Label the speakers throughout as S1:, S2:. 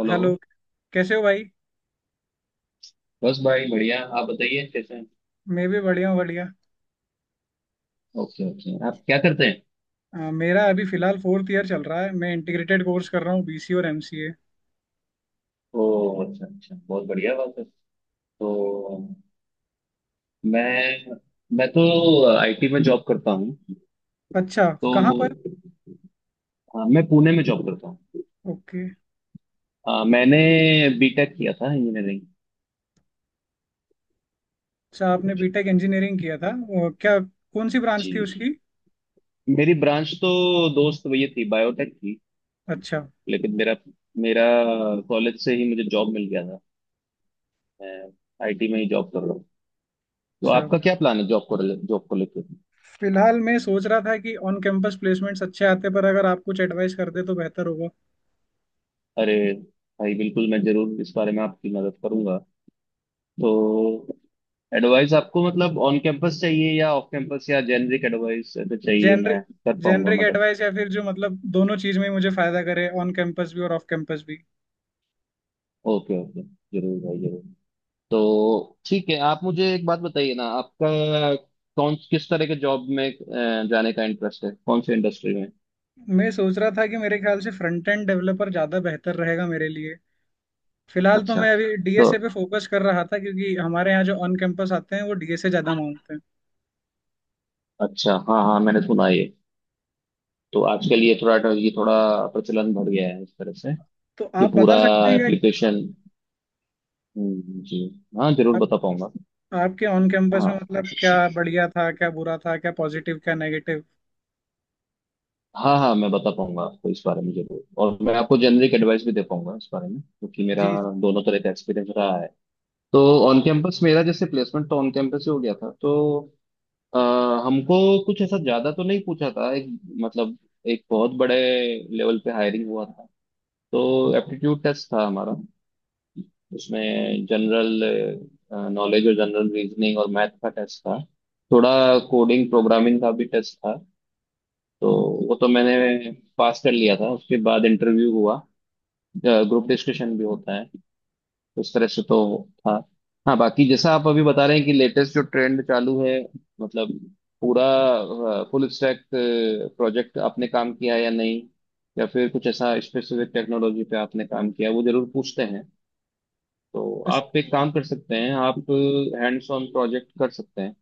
S1: Hello.
S2: Hello. कैसे हो भाई।
S1: बस भाई बढ़िया, आप बताइए कैसे हैं।
S2: मैं भी बढ़िया हूँ, बढ़िया।
S1: ओके ओके, आप क्या करते हैं।
S2: मेरा अभी फिलहाल फोर्थ ईयर चल रहा है। मैं इंटीग्रेटेड कोर्स कर रहा हूँ, बीसी और एमसीए।
S1: ओ अच्छा अच्छा, बहुत बढ़िया बात है। तो मैं मैं तो आईटी में जॉब करता हूँ।
S2: अच्छा। कहाँ पर?
S1: तो हाँ, मैं पुणे में जॉब करता हूँ।
S2: ओके।
S1: हाँ, मैंने बीटेक किया था इंजीनियरिंग।
S2: अच्छा, आपने बीटेक इंजीनियरिंग किया था। क्या कौन सी ब्रांच थी
S1: जी,
S2: उसकी?
S1: मेरी ब्रांच तो दोस्त ये थी बायोटेक की।
S2: अच्छा
S1: लेकिन मेरा मेरा कॉलेज से ही मुझे जॉब मिल गया था। मैं आईटी में ही जॉब कर रहा हूँ। तो
S2: अच्छा।
S1: आपका क्या प्लान है जॉब को, जॉब को लेकर।
S2: फिलहाल मैं सोच रहा था कि ऑन कैंपस प्लेसमेंट्स अच्छे आते, पर अगर आप कुछ एडवाइस करते तो बेहतर होगा।
S1: अरे भाई, बिल्कुल मैं जरूर इस बारे में आपकी मदद करूंगा। तो एडवाइस आपको मतलब ऑन कैंपस चाहिए या ऑफ कैंपस या जेनरिक एडवाइस, तो चाहिए
S2: जेनरिक।
S1: मैं कर पाऊंगा
S2: जेनरिक
S1: मदद।
S2: एडवाइस, या फिर जो मतलब दोनों चीज में ही मुझे फायदा करे, ऑन कैंपस भी और ऑफ कैंपस भी।
S1: ओके ओके, जरूर भाई जरूर। तो ठीक है, आप मुझे एक बात बताइए ना, आपका कौन किस तरह के जॉब में जाने का इंटरेस्ट है, कौन से इंडस्ट्री में।
S2: मैं सोच रहा था कि मेरे ख्याल से फ्रंट एंड डेवलपर ज्यादा बेहतर रहेगा मेरे लिए। फिलहाल तो
S1: अच्छा,
S2: मैं अभी डीएसए
S1: तो
S2: पे फोकस कर रहा था, क्योंकि हमारे यहाँ जो ऑन कैंपस आते हैं वो डीएसए ज्यादा मांगते हैं।
S1: अच्छा हाँ हाँ, मैंने सुना ये। तो आजकल ये थोड़ा प्रचलन बढ़ गया है इस तरह से।
S2: तो
S1: ये
S2: आप
S1: पूरा
S2: बता सकते हैं क्या क्या-।
S1: एप्लीकेशन। जी, हाँ जरूर
S2: आप,
S1: बता पाऊंगा।
S2: आपके ऑन कैंपस में
S1: हाँ,
S2: मतलब क्या बढ़िया था, क्या बुरा था, क्या पॉजिटिव, क्या नेगेटिव?
S1: हाँ हाँ मैं बता पाऊंगा आपको इस बारे में जरूर, और मैं आपको जेनरिक एडवाइस भी दे पाऊंगा इस बारे में, क्योंकि मेरा
S2: जी।
S1: दोनों तरह का एक्सपीरियंस रहा है। तो ऑन कैंपस मेरा जैसे प्लेसमेंट तो ऑन कैंपस ही हो गया था। तो अ, हमको कुछ ऐसा ज्यादा तो नहीं पूछा था। एक मतलब एक बहुत बड़े लेवल पे हायरिंग हुआ था। तो एप्टीट्यूड टेस्ट था हमारा, उसमें जनरल नॉलेज और जनरल रीजनिंग और मैथ का टेस्ट था, थोड़ा कोडिंग प्रोग्रामिंग का भी टेस्ट था। तो वो तो मैंने पास कर लिया था, उसके बाद इंटरव्यू हुआ। ग्रुप डिस्कशन भी होता है उस तरह से, तो था। हाँ, बाकी जैसा आप अभी बता रहे हैं कि लेटेस्ट जो ट्रेंड चालू है, मतलब पूरा फुल स्टैक प्रोजेक्ट आपने काम किया है या नहीं, या फिर कुछ ऐसा स्पेसिफिक टेक्नोलॉजी पे आपने काम किया, वो जरूर पूछते हैं। तो
S2: बस।
S1: आप एक काम कर सकते हैं, आप हैंड्स ऑन प्रोजेक्ट कर सकते हैं।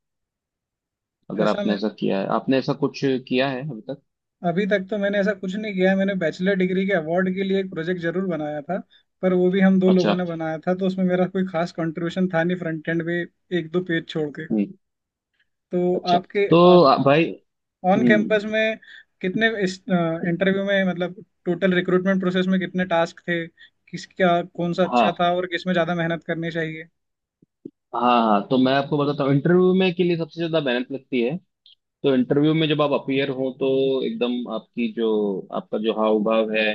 S1: अगर
S2: ऐसा
S1: आपने
S2: मैं,
S1: ऐसा किया है, आपने ऐसा कुछ किया है अभी तक।
S2: अभी तक तो मैंने ऐसा कुछ नहीं किया है। मैंने बैचलर डिग्री के अवार्ड के लिए एक प्रोजेक्ट जरूर बनाया था। पर वो भी हम दो लोगों
S1: अच्छा।
S2: ने बनाया था, तो उसमें मेरा कोई खास कंट्रीब्यूशन था नहीं फ्रंट एंड पे। एक दो पेज छोड़ के।
S1: हम्म।
S2: तो
S1: अच्छा,
S2: आपके
S1: तो
S2: मतलब
S1: भाई।
S2: ऑन
S1: हम्म।
S2: कैंपस में कितने इस इंटरव्यू में मतलब टोटल रिक्रूटमेंट प्रोसेस में कितने टास्क थे, किसका कौन सा अच्छा
S1: हाँ,
S2: था और किसमें ज्यादा मेहनत करनी चाहिए?
S1: हाँ हाँ तो मैं आपको बताता हूँ, इंटरव्यू में के लिए सबसे ज्यादा मेहनत लगती है। तो इंटरव्यू में जब आप अपीयर हो तो एकदम आपकी जो, आपका जो हाव भाव है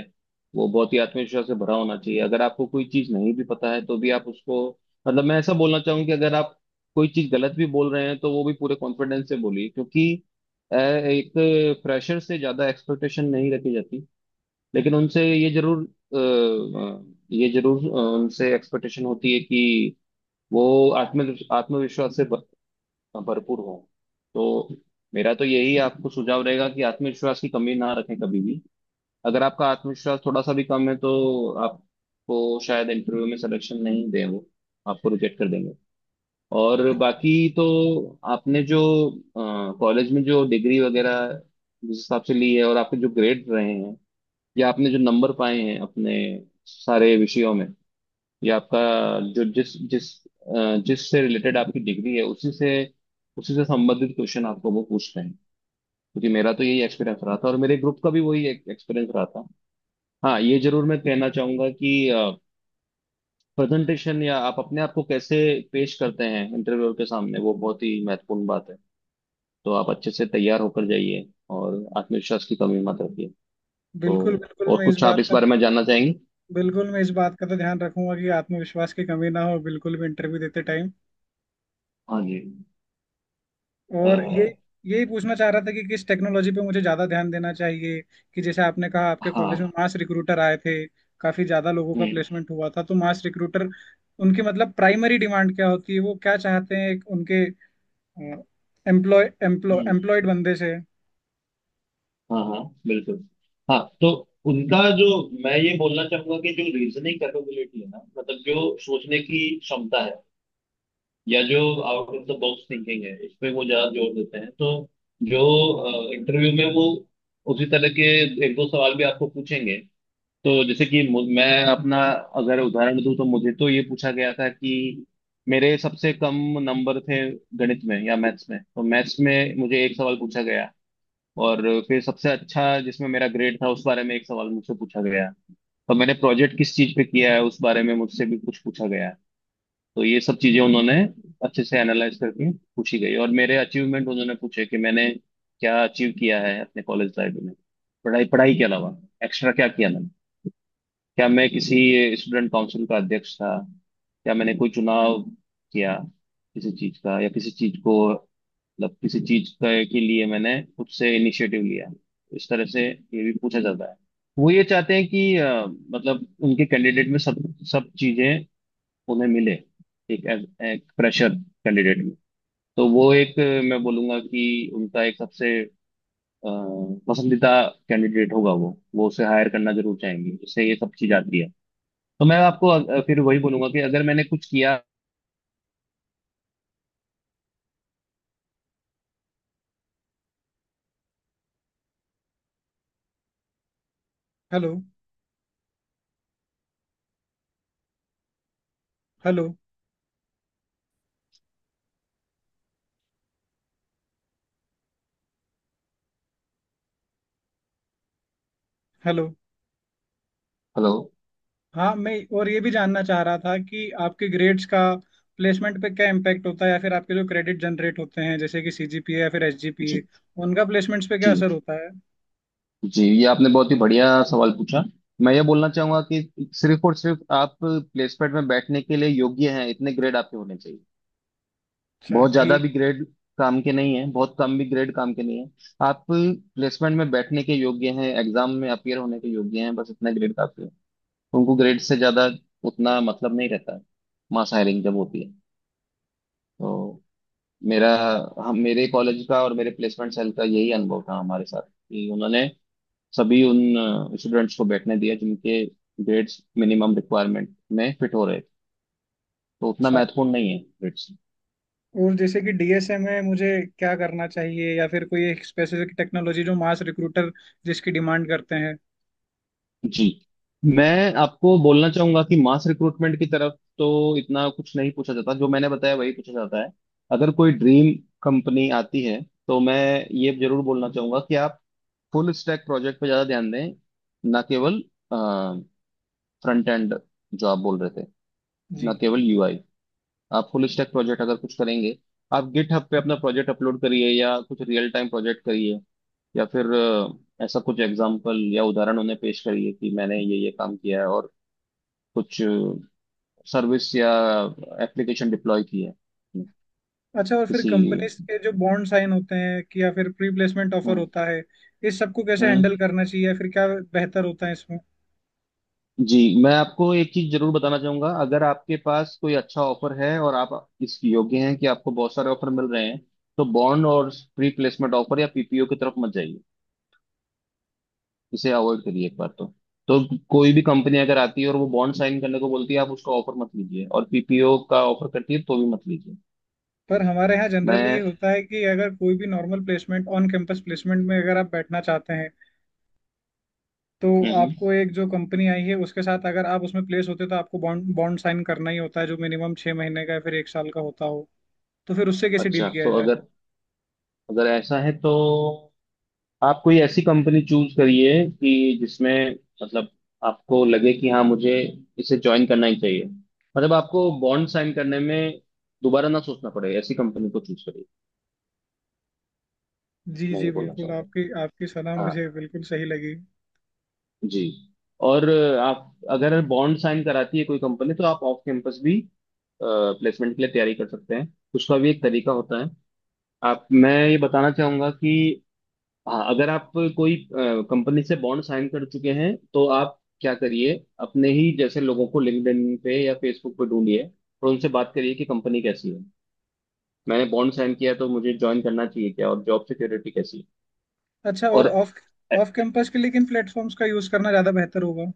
S1: वो बहुत ही आत्मविश्वास से भरा होना चाहिए। अगर आपको कोई चीज नहीं भी पता है तो भी आप उसको, मतलब मैं ऐसा बोलना चाहूँ कि अगर आप कोई चीज गलत भी बोल रहे हैं तो वो भी पूरे कॉन्फिडेंस से बोलिए, क्योंकि एक प्रेशर से ज्यादा एक्सपेक्टेशन नहीं रखी जाती। लेकिन उनसे ये जरूर अ, अ, ये जरूर उनसे एक्सपेक्टेशन होती है कि वो आत्मविश्वास से भरपूर हो। तो मेरा तो यही आपको सुझाव रहेगा कि आत्मविश्वास की कमी ना रखें कभी भी। अगर आपका आत्मविश्वास थोड़ा सा भी कम है तो आपको शायद इंटरव्यू में सिलेक्शन नहीं दें, वो आपको रिजेक्ट कर देंगे। और बाकी तो आपने जो कॉलेज में जो डिग्री वगैरह जिस हिसाब से ली है, और आपके जो ग्रेड रहे हैं या आपने जो नंबर पाए हैं अपने सारे विषयों में, या आपका जो जिस जिस जिस से रिलेटेड आपकी डिग्री है, उसी से संबंधित क्वेश्चन आपको वो पूछते हैं। क्योंकि मेरा तो यही एक्सपीरियंस रहा था, और मेरे ग्रुप का भी वही एक एक्सपीरियंस रहा था। हाँ, ये जरूर मैं कहना चाहूंगा कि प्रेजेंटेशन, या आप अपने आप को कैसे पेश करते हैं इंटरव्यूअर के सामने, वो बहुत ही महत्वपूर्ण बात है। तो आप अच्छे से तैयार होकर जाइए और आत्मविश्वास की कमी मत रखिए। तो
S2: बिल्कुल बिल्कुल
S1: और
S2: मैं इस
S1: कुछ आप
S2: बात
S1: इस
S2: का
S1: बारे में जानना चाहेंगे।
S2: बिल्कुल, मैं इस बात का तो ध्यान रखूंगा कि आत्मविश्वास की कमी ना हो बिल्कुल भी इंटरव्यू देते टाइम।
S1: हाँ जी। अ,
S2: और ये, यही पूछना चाह रहा था कि किस टेक्नोलॉजी पे मुझे ज्यादा ध्यान देना चाहिए। कि जैसे आपने कहा आपके कॉलेज में
S1: हाँ।
S2: मास रिक्रूटर आए थे, काफी ज्यादा लोगों का
S1: हम्म।
S2: प्लेसमेंट हुआ था। तो मास रिक्रूटर उनकी मतलब प्राइमरी डिमांड क्या होती है, वो क्या चाहते हैं एक उनके एम्प्लॉय एम्प्लॉय
S1: हम्म।
S2: एम्प्लॉयड बंदे से?
S1: हाँ हाँ बिल्कुल। हाँ, तो उनका जो, मैं ये बोलना चाहूंगा कि जो रीजनिंग कैपेबिलिटी है ना, मतलब जो सोचने की क्षमता है, या जो out of the box thinking है, इसमें वो ज्यादा जोर देते हैं। तो जो इंटरव्यू में वो उसी तरह के एक दो सवाल भी आपको पूछेंगे। तो जैसे कि मैं अपना अगर उदाहरण दूं तो मुझे तो ये पूछा गया था कि मेरे सबसे कम नंबर थे गणित में या मैथ्स में, तो मैथ्स में मुझे एक सवाल पूछा गया। और फिर सबसे अच्छा जिसमें मेरा ग्रेड था, उस बारे में एक सवाल मुझसे पूछा गया। और मैंने प्रोजेक्ट किस चीज पे किया है उस बारे में मुझसे भी कुछ पूछा गया है। तो ये सब चीजें उन्होंने अच्छे से एनालाइज करके पूछी गई। और मेरे अचीवमेंट उन्होंने पूछे कि मैंने क्या अचीव किया है अपने कॉलेज लाइफ में, पढ़ाई पढ़ाई के अलावा एक्स्ट्रा क्या किया, क्या मैं किसी स्टूडेंट काउंसिल का अध्यक्ष था, क्या मैंने कोई चुनाव किया किसी चीज का, या किसी चीज को, मतलब किसी चीज का के लिए मैंने खुद से इनिशिएटिव लिया। इस तरह से ये भी पूछा जाता है। वो ये चाहते हैं कि मतलब उनके कैंडिडेट में सब सब चीजें उन्हें मिले, एक, एक प्रेशर कैंडिडेट में। तो वो एक, मैं बोलूंगा कि उनका एक सबसे अ, पसंदीदा कैंडिडेट होगा, वो उसे हायर करना जरूर चाहेंगे। उससे ये सब चीज आती है। तो मैं आपको फिर वही बोलूंगा कि अगर मैंने कुछ किया।
S2: हेलो। हेलो। हेलो।
S1: हेलो।
S2: हाँ मैं, और ये भी जानना चाह रहा था कि आपके ग्रेड्स का प्लेसमेंट पे क्या इम्पैक्ट होता है, या फिर आपके जो क्रेडिट जनरेट होते हैं जैसे कि सीजीपीए या फिर एसजीपीए,
S1: जी।
S2: उनका प्लेसमेंट्स पे क्या
S1: जी
S2: असर होता है?
S1: जी, ये आपने बहुत ही बढ़िया सवाल पूछा। मैं ये बोलना चाहूंगा कि सिर्फ और सिर्फ आप प्लेसमेंट में बैठने के लिए योग्य हैं इतने ग्रेड आपके होने चाहिए।
S2: अच्छा,
S1: बहुत ज्यादा
S2: ठीक।
S1: भी ग्रेड काम के नहीं है, बहुत कम भी ग्रेड काम के नहीं है। आप प्लेसमेंट में बैठने के योग्य हैं, एग्जाम में अपियर होने के योग्य हैं, बस इतना ग्रेड काफी है। उनको ग्रेड से ज्यादा उतना मतलब नहीं रहता है। मास हायरिंग जब होती है तो मेरा, हम मेरे कॉलेज का और मेरे प्लेसमेंट सेल का यही अनुभव था हमारे साथ कि उन्होंने सभी उन स्टूडेंट्स को बैठने दिया जिनके ग्रेड्स मिनिमम रिक्वायरमेंट में फिट हो रहे थे। तो उतना
S2: अच्छा,
S1: महत्वपूर्ण नहीं है ग्रेड्स।
S2: और जैसे कि डीएसए में मुझे क्या करना चाहिए, या फिर कोई एक स्पेसिफिक टेक्नोलॉजी जो मास रिक्रूटर जिसकी डिमांड करते हैं?
S1: जी, मैं आपको बोलना चाहूंगा कि मास रिक्रूटमेंट की तरफ तो इतना कुछ नहीं पूछा जाता, जो मैंने बताया वही पूछा जाता है। अगर कोई ड्रीम कंपनी आती है तो मैं ये जरूर बोलना चाहूंगा कि आप फुल स्टैक प्रोजेक्ट पे ज्यादा ध्यान दें। ना केवल फ्रंट एंड जो आप बोल रहे थे, ना
S2: जी।
S1: केवल यूआई, आप फुल स्टैक प्रोजेक्ट अगर कुछ करेंगे, आप गिटहब पे अपना प्रोजेक्ट अपलोड करिए या कुछ रियल टाइम प्रोजेक्ट करिए। या फिर ऐसा कुछ एग्जाम्पल या उदाहरण उन्हें पेश करिए कि मैंने ये काम किया है और कुछ सर्विस या एप्लीकेशन डिप्लॉय की है।
S2: अच्छा, और फिर
S1: किसी।
S2: कंपनीज के जो बॉन्ड साइन होते हैं कि, या फिर प्री प्लेसमेंट ऑफर
S1: हम्म।
S2: होता है, इस सबको कैसे
S1: हम्म।
S2: हैंडल करना चाहिए या फिर क्या बेहतर होता है इसमें?
S1: जी, मैं आपको एक चीज जरूर बताना चाहूंगा, अगर आपके पास कोई अच्छा ऑफर है और आप इस योग्य हैं कि आपको बहुत सारे ऑफर मिल रहे हैं, तो बॉन्ड और प्री प्लेसमेंट ऑफर या पीपीओ की तरफ मत जाइए, इसे अवॉइड करिए एक बार तो। तो कोई भी कंपनी अगर आती है और वो बॉन्ड साइन करने को बोलती है, आप उसका ऑफर मत लीजिए, और पीपीओ का ऑफर करती है तो भी मत लीजिए।
S2: पर हमारे यहाँ जनरली ये
S1: मैं।
S2: होता है कि अगर कोई भी normal placement, on campus placement में अगर आप बैठना चाहते हैं तो
S1: हम्म।
S2: आपको एक जो कंपनी आई है उसके साथ अगर आप उसमें प्लेस होते हो तो आपको बॉन्ड बॉन्ड साइन करना ही होता है, जो मिनिमम 6 महीने का या फिर 1 साल का होता हो। तो फिर उससे कैसे
S1: अच्छा,
S2: डील किया
S1: तो
S2: जाए?
S1: अगर अगर ऐसा है तो आप कोई ऐसी कंपनी चूज करिए कि जिसमें, मतलब आपको लगे कि हाँ, मुझे इसे ज्वाइन करना ही चाहिए, मतलब आपको बॉन्ड साइन करने में दोबारा ना सोचना पड़े, ऐसी कंपनी को चूज करिए।
S2: जी
S1: मैं
S2: जी
S1: ये बोलना
S2: बिल्कुल,
S1: चाहूंगा,
S2: आपकी आपकी सलाह
S1: हाँ
S2: मुझे बिल्कुल सही लगी।
S1: जी। और आप अगर बॉन्ड साइन कराती है कोई कंपनी तो आप ऑफ कैंपस भी प्लेसमेंट के लिए तैयारी कर सकते हैं, उसका भी एक तरीका होता है। आप, मैं ये बताना चाहूंगा कि हाँ, अगर आप कोई कंपनी से बॉन्ड साइन कर चुके हैं तो आप क्या करिए, अपने ही जैसे लोगों को लिंक्डइन पे या फेसबुक पे ढूंढिए और उनसे बात करिए कि कंपनी कैसी है, मैंने बॉन्ड साइन किया है, तो मुझे ज्वाइन करना चाहिए क्या, और जॉब सिक्योरिटी कैसी है।
S2: अच्छा,
S1: और
S2: और ऑफ ऑफ कैंपस के लेकिन प्लेटफॉर्म्स का यूज करना ज्यादा बेहतर होगा?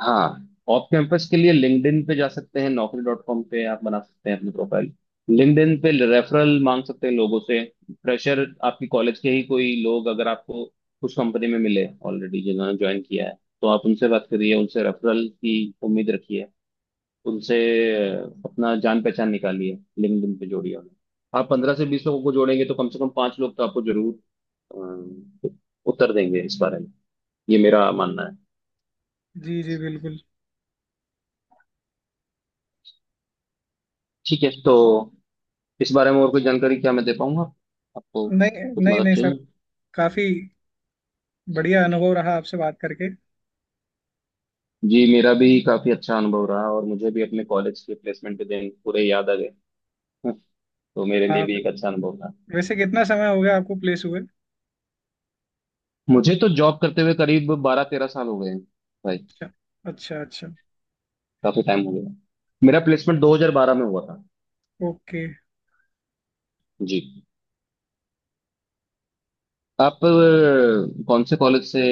S1: हाँ, ऑफ कैंपस के लिए लिंक्डइन पे जा सकते हैं, नौकरी डॉट कॉम पे आप बना सकते हैं अपनी प्रोफाइल, लिंक्डइन पे रेफरल मांग सकते हैं लोगों से। फ्रेशर आपकी कॉलेज के ही कोई लोग अगर आपको उस कंपनी में मिले ऑलरेडी जिन्होंने ज्वाइन किया है, तो आप उनसे बात करिए, उनसे रेफरल की उम्मीद रखिए, उनसे अपना जान पहचान निकालिए, लिंक्डइन पे जोड़िए उन्हें। आप पंद्रह से बीस लोगों को जोड़ेंगे तो कम से कम पांच लोग तो आपको जरूर अ, उत्तर देंगे इस बारे में, ये मेरा मानना है।
S2: जी जी बिल्कुल।
S1: ठीक है, तो इस बारे में और कोई जानकारी क्या मैं दे पाऊंगा आपको,
S2: नहीं
S1: कुछ
S2: नहीं
S1: मदद
S2: नहीं सर,
S1: चाहिए।
S2: काफी बढ़िया अनुभव रहा आपसे बात करके।
S1: जी, मेरा भी काफी अच्छा अनुभव रहा और मुझे भी अपने कॉलेज के प्लेसमेंट के दिन पूरे याद आ गए। हम्म, तो मेरे लिए
S2: हाँ,
S1: भी एक अच्छा अनुभव था।
S2: वैसे कितना समय हो गया आपको प्लेस हुए?
S1: मुझे तो जॉब करते हुए करीब बारह तेरह साल हो गए हैं भाई।
S2: अच्छा। अच्छा अच्छा।
S1: काफी टाइम हो गया, मेरा प्लेसमेंट 2012 में हुआ था।
S2: ओके।
S1: जी, आप कौन से कॉलेज से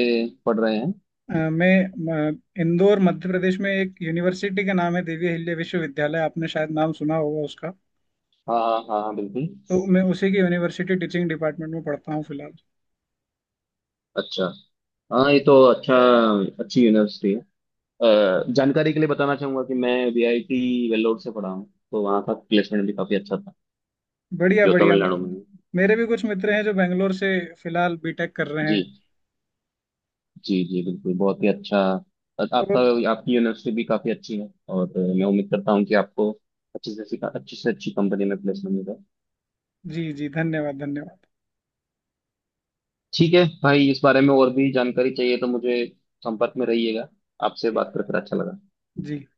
S1: पढ़ रहे हैं।
S2: मैं इंदौर मध्य प्रदेश में एक यूनिवर्सिटी का नाम है दिव्य हिल्ले विश्वविद्यालय, आपने शायद नाम सुना होगा उसका।
S1: हाँ हाँ हाँ हाँ, बिल्कुल।
S2: तो मैं उसी की यूनिवर्सिटी टीचिंग डिपार्टमेंट में पढ़ता हूँ फिलहाल।
S1: अच्छा, हाँ ये तो अच्छा, अच्छी यूनिवर्सिटी। अ, जानकारी के लिए बताना चाहूंगा कि मैं वीआईटी वेल्लोर से पढ़ा हूँ, तो वहाँ का प्लेसमेंट भी काफी अच्छा था,
S2: बढ़िया
S1: जो
S2: बढ़िया। मैं,
S1: तमिलनाडु में है।
S2: मेरे भी कुछ मित्र हैं जो बेंगलोर से फिलहाल बीटेक कर रहे
S1: जी
S2: हैं।
S1: जी, जी बिल्कुल, बहुत ही अच्छा। आपका,
S2: और
S1: आपकी यूनिवर्सिटी भी काफी अच्छी है, और मैं उम्मीद करता हूँ कि आपको अच्छे से अच्छी से अच्छी कंपनी में प्लेसमेंट मिलेगा।
S2: जी जी धन्यवाद धन्यवाद।
S1: ठीक है भाई, इस बारे में और भी जानकारी चाहिए तो मुझे संपर्क में रहिएगा। आपसे बात कर कर अच्छा लगा।
S2: जी।